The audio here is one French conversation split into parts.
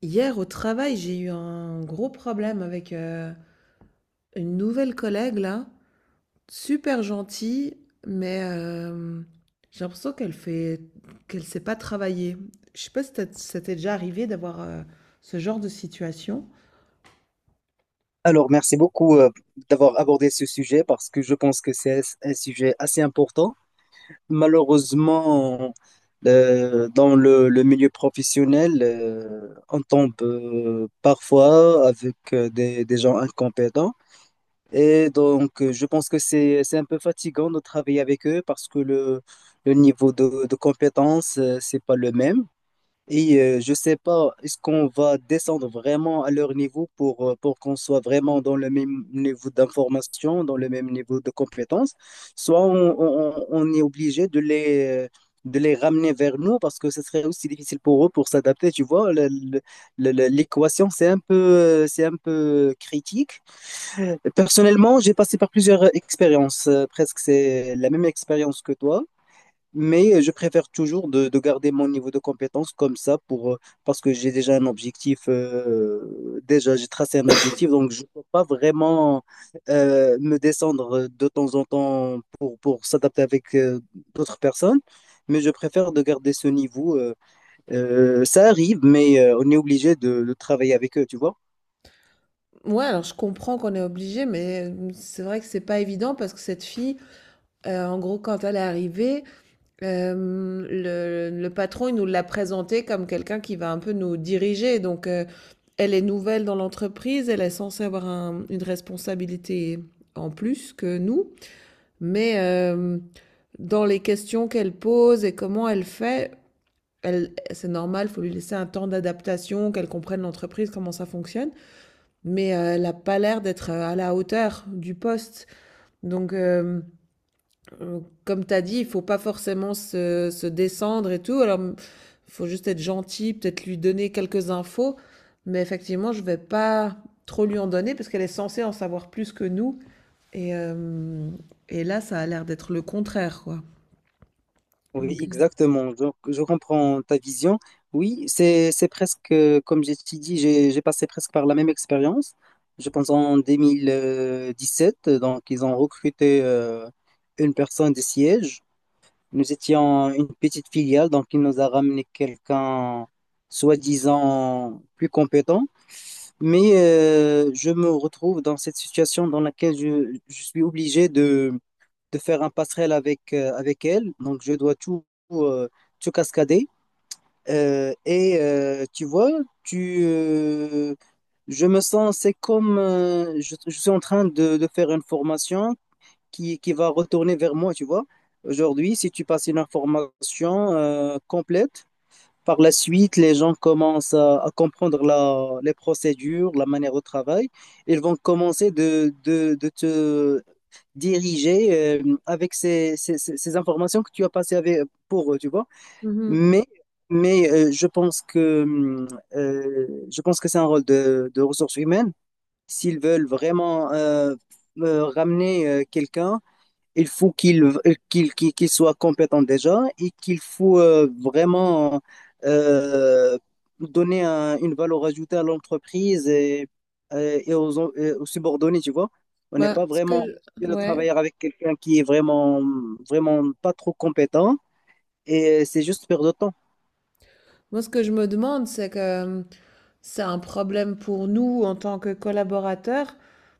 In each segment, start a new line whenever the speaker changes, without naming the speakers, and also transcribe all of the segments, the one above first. Hier au travail, j'ai eu un gros problème avec une nouvelle collègue là, super gentille, mais j'ai l'impression qu'elle sait pas travailler. Je sais pas si ça t'est déjà arrivé d'avoir ce genre de situation.
Alors, merci beaucoup d'avoir abordé ce sujet parce que je pense que c'est un sujet assez important. Malheureusement, dans le milieu professionnel, on tombe parfois avec des gens incompétents. Et donc, je pense que c'est un peu fatigant de travailler avec eux parce que le niveau de compétence, c'est pas le même. Et je sais pas, est-ce qu'on va descendre vraiment à leur niveau pour qu'on soit vraiment dans le même niveau d'information, dans le même niveau de compétence, soit on est obligé de les ramener vers nous parce que ce serait aussi difficile pour eux pour s'adapter, tu vois. L'équation, c'est un peu critique. Personnellement, j'ai passé par plusieurs expériences, presque c'est la même expérience que toi. Mais je préfère toujours de garder mon niveau de compétence comme ça pour, parce que j'ai déjà un objectif, déjà j'ai tracé un objectif, donc je ne peux pas vraiment me descendre de temps en temps pour s'adapter avec d'autres personnes, mais je préfère de garder ce niveau. Ça arrive, mais on est obligé de travailler avec eux, tu vois.
Ouais, alors je comprends qu'on est obligé, mais c'est vrai que c'est pas évident parce que cette fille, en gros, quand elle est arrivée, le patron il nous l'a présentée comme quelqu'un qui va un peu nous diriger, donc. Elle est nouvelle dans l'entreprise, elle est censée avoir une responsabilité en plus que nous, mais dans les questions qu'elle pose et comment elle fait, elle, c'est normal, il faut lui laisser un temps d'adaptation, qu'elle comprenne l'entreprise, comment ça fonctionne, mais elle n'a pas l'air d'être à la hauteur du poste. Donc, euh, comme tu as dit, il faut pas forcément se descendre et tout. Alors, il faut juste être gentil, peut-être lui donner quelques infos. Mais effectivement, je vais pas trop lui en donner parce qu'elle est censée en savoir plus que nous. Et et là, ça a l'air d'être le contraire, quoi.
Oui,
Donc,
exactement. Je comprends ta vision. Oui, c'est presque, comme je t'ai dit, j'ai passé presque par la même expérience. Je pense en deux mille dix-sept. Donc ils ont recruté une personne des sièges. Nous étions une petite filiale, donc il nous a ramené quelqu'un soi-disant plus compétent. Mais je me retrouve dans cette situation dans laquelle je suis obligé de faire un passerelle avec, avec elle. Donc je dois tout, euh, tout cascader. Et tu vois, tu, euh, je me sens, c'est comme je suis en train de faire une formation qui va retourner vers moi, tu vois. Aujourd'hui, si tu passes une information complète, par la suite, les gens commencent à comprendre les procédures, la manière de travail. Ils vont commencer de te diriger avec ces informations que tu as passées avec, pour eux, tu vois.
mhm.
Mais, mais je pense que c'est un rôle de ressources humaines. S'ils veulent vraiment ramener quelqu'un, il faut qu'il soit compétent déjà et qu'il faut vraiment euh, donner une valeur ajoutée à l'entreprise et aux, et aux subordonnés, tu vois. On n'est pas
Bah,
vraiment obligé de
ouais,
travailler avec quelqu'un qui est vraiment pas trop compétent et c'est juste perdre de temps.
moi, ce que je me demande, c'est que c'est un problème pour nous en tant que collaborateurs,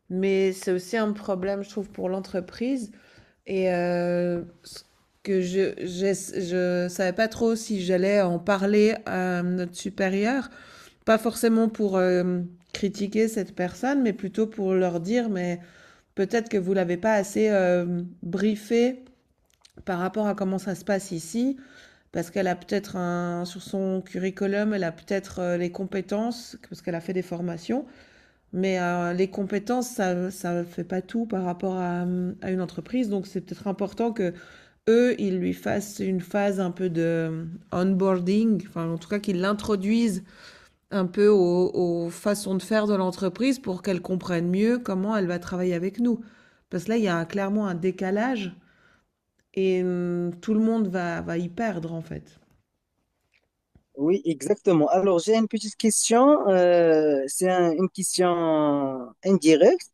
mais c'est aussi un problème, je trouve, pour l'entreprise. Et ce que je savais pas trop si j'allais en parler à notre supérieur, pas forcément pour critiquer cette personne, mais plutôt pour leur dire, mais peut-être que vous l'avez pas assez briefé par rapport à comment ça se passe ici, parce qu'elle a peut-être un, sur son curriculum, elle a peut-être les compétences, parce qu'elle a fait des formations, mais les compétences, ça ne fait pas tout par rapport à une entreprise, donc c'est peut-être important que eux, ils lui fassent une phase un peu de onboarding, enfin en tout cas qu'ils l'introduisent un peu aux, aux façons de faire de l'entreprise pour qu'elle comprenne mieux comment elle va travailler avec nous. Parce que là, il y a clairement un décalage et tout le monde va, va y perdre en fait.
Oui, exactement. Alors, j'ai une petite question. C'est une question indirecte.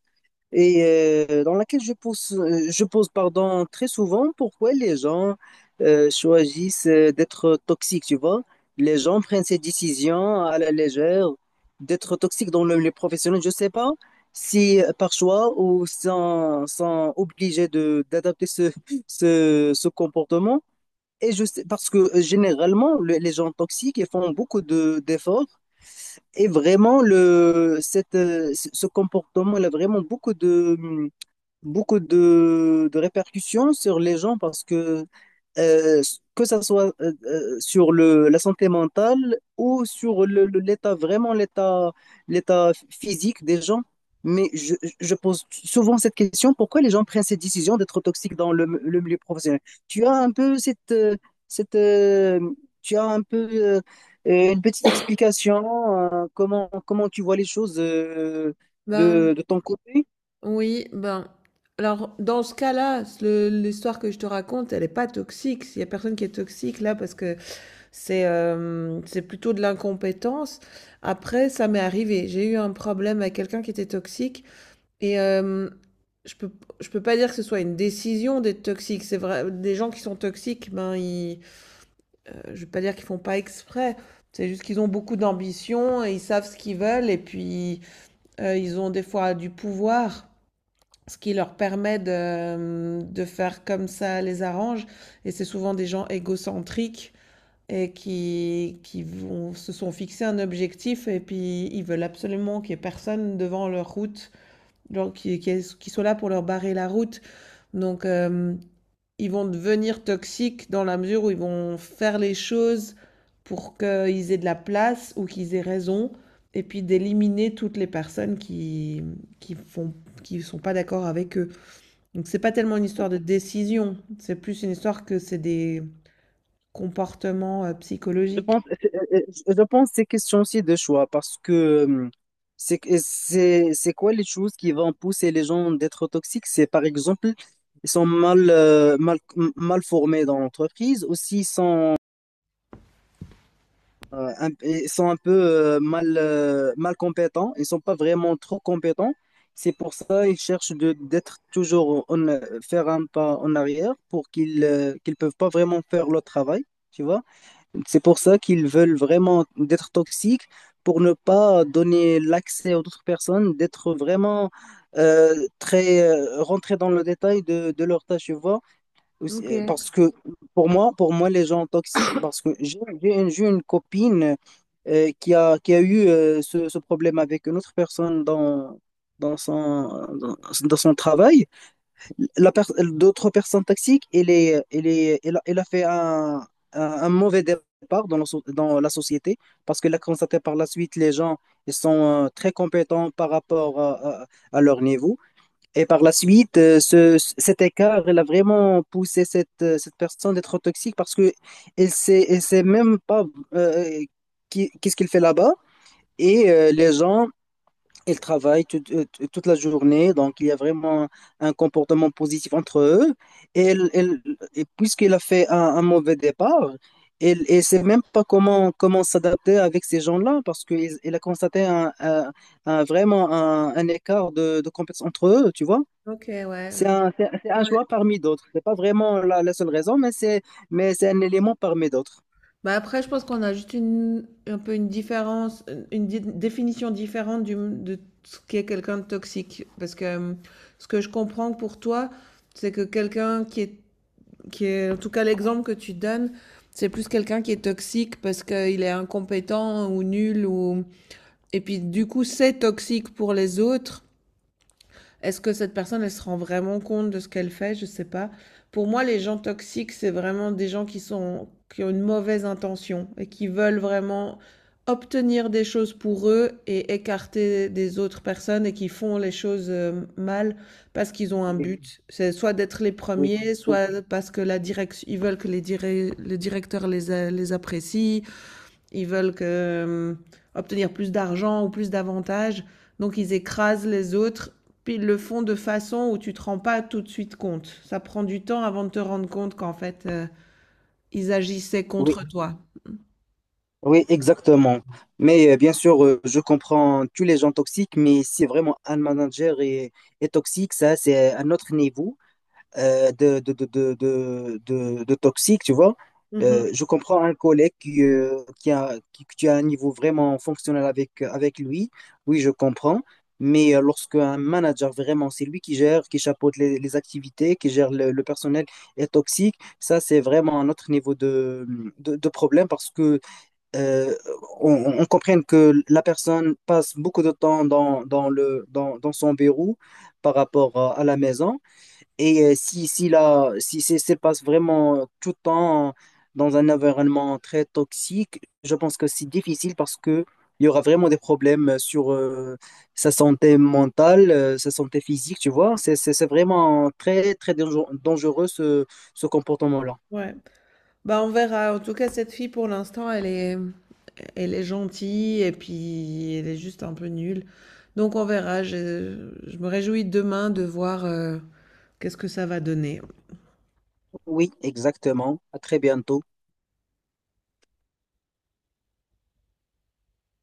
Et dans laquelle je pose pardon, très souvent pourquoi les gens choisissent d'être toxiques, tu vois. Les gens prennent ces décisions à la légère d'être toxiques dans les professionnels. Je sais pas si par choix ou sans obligés de d'adapter ce comportement. Et je sais, parce que généralement, les gens toxiques, ils font beaucoup de, d'efforts. Et vraiment, le, cette, ce ce comportement, il a vraiment beaucoup de répercussions sur les gens parce euh, que ça soit sur la santé mentale ou sur l'état, vraiment l'état physique des gens. Mais je pose souvent cette question, pourquoi les gens prennent cette décision d'être toxiques dans le milieu professionnel? Tu as un peu cette, euh, tu as un peu une petite explication, comment tu vois les choses
Ben
de ton côté?
oui, ben alors dans ce cas-là, l'histoire que je te raconte, elle n'est pas toxique. Il n'y a personne qui est toxique là parce que c'est hem, c'est plutôt de l'incompétence. Après, ça m'est arrivé. J'ai eu un problème avec quelqu'un qui était toxique et hem, je peux je peux pas dire que ce soit une décision d'être toxique. C'est vrai des gens qui sont toxiques, ben, ils, je vais pas dire qu'ils font pas exprès. C'est juste qu'ils ont beaucoup d'ambition et ils savent ce qu'ils veulent et puis, ils ont des fois du pouvoir, ce qui leur permet de faire comme ça les arrange et c'est souvent des gens égocentriques et se sont fixés un objectif et puis ils veulent absolument qu'il n'y ait personne devant leur route, genre qui soit là pour leur barrer la route. Donc ils vont devenir toxiques dans la mesure où ils vont faire les choses pour qu'ils aient de la place ou qu'ils aient raison et puis d'éliminer toutes les personnes qui font qui sont pas d'accord avec eux. Donc c'est pas tellement une histoire de décision, c'est plus une histoire que c'est des comportements psychologiques.
Je pense que c'est question aussi de choix parce que euh, c'est quoi les choses qui vont pousser les gens d'être toxiques? C'est par exemple, ils sont mal formés dans l'entreprise, aussi ils sont ils sont un peu mal compétents, ils sont pas vraiment trop compétents. C'est pour ça ils cherchent de d'être toujours faire un pas en arrière pour qu'ils qu'ils peuvent pas vraiment faire leur travail, tu vois? C'est pour ça qu'ils veulent vraiment d'être toxiques pour ne pas donner l'accès aux autres personnes, d'être vraiment euh, très rentrés dans le détail de leur tâche, tu vois. Aussi,
Ok.
parce que pour moi, les gens toxiques, parce que j'ai une copine qui a eu ce problème avec une autre personne dans, dans dans son travail. La per- D'autres personnes toxiques, elle a fait un mauvais départ dans dans la société parce qu'elle a constaté par la suite les gens ils sont très compétents par rapport à leur niveau. Et par la suite, cet écart, elle a vraiment poussé cette personne d'être toxique parce que elle sait même pas euh, qu'est-ce qu'il fait là-bas. Et les gens ils travaillent toute la journée, donc il y a vraiment un comportement positif entre eux. Et, et puisqu'il a fait un mauvais départ, elle ne sait même pas comment s'adapter avec ces gens-là, parce qu'il a constaté vraiment un écart de compétences entre eux, tu vois.
OK, ouais, je
C'est un
ouais.
choix parmi d'autres. C'est pas vraiment la seule raison, mais c'est un élément parmi d'autres.
Bah, après, je pense qu'on a juste une un peu une différence, une définition différente du de ce qu'est quelqu'un de toxique. Parce que ce que je comprends pour toi, c'est que quelqu'un qui est, en tout cas l'exemple que tu donnes, c'est plus quelqu'un qui est toxique parce qu'il est incompétent ou nul ou... et puis du coup, c'est toxique pour les autres. Est-ce que cette personne, elle se rend vraiment compte de ce qu'elle fait? Je sais pas. Pour moi, les gens toxiques, c'est vraiment des gens qui sont, qui ont une mauvaise intention et qui veulent vraiment obtenir des choses pour eux et écarter des autres personnes et qui font les choses mal parce qu'ils ont un
Oui,
but. C'est soit d'être les
oui,
premiers,
oui,
soit parce que la direction, ils veulent que les, les directeurs les, les apprécient, ils veulent que, obtenir plus d'argent ou plus d'avantages, donc ils écrasent les autres, puis ils le font de façon où tu ne te rends pas tout de suite compte. Ça prend du temps avant de te rendre compte qu'en fait, ils agissaient
oui.
contre toi.
Oui, exactement. Mais bien sûr, je comprends tous les gens toxiques, mais si vraiment un manager est toxique, ça, c'est un autre niveau de toxique, tu vois.
Mhm.
Je comprends un collègue qui, qui a un niveau vraiment fonctionnel avec, avec lui. Oui, je comprends. Mais lorsque un manager, vraiment, c'est lui qui gère, qui chapeaute les activités, qui gère le personnel, est toxique, ça, c'est vraiment un autre niveau de problème parce que euh, on, on comprenne que la personne passe beaucoup de temps dans, dans dans son bureau par rapport à la maison. Et si, si c'est se passe vraiment tout le temps dans un environnement très toxique, je pense que c'est difficile parce que il y aura vraiment des problèmes sur sa santé mentale, sa santé physique, tu vois. C'est vraiment très, très dangereux dangereux, ce comportement-là.
Ouais. Bah on verra. En tout cas, cette fille pour l'instant, elle est gentille et puis elle est juste un peu nulle. Donc on verra. Je me réjouis demain de voir qu'est-ce que ça va donner.
Oui, exactement. À très bientôt.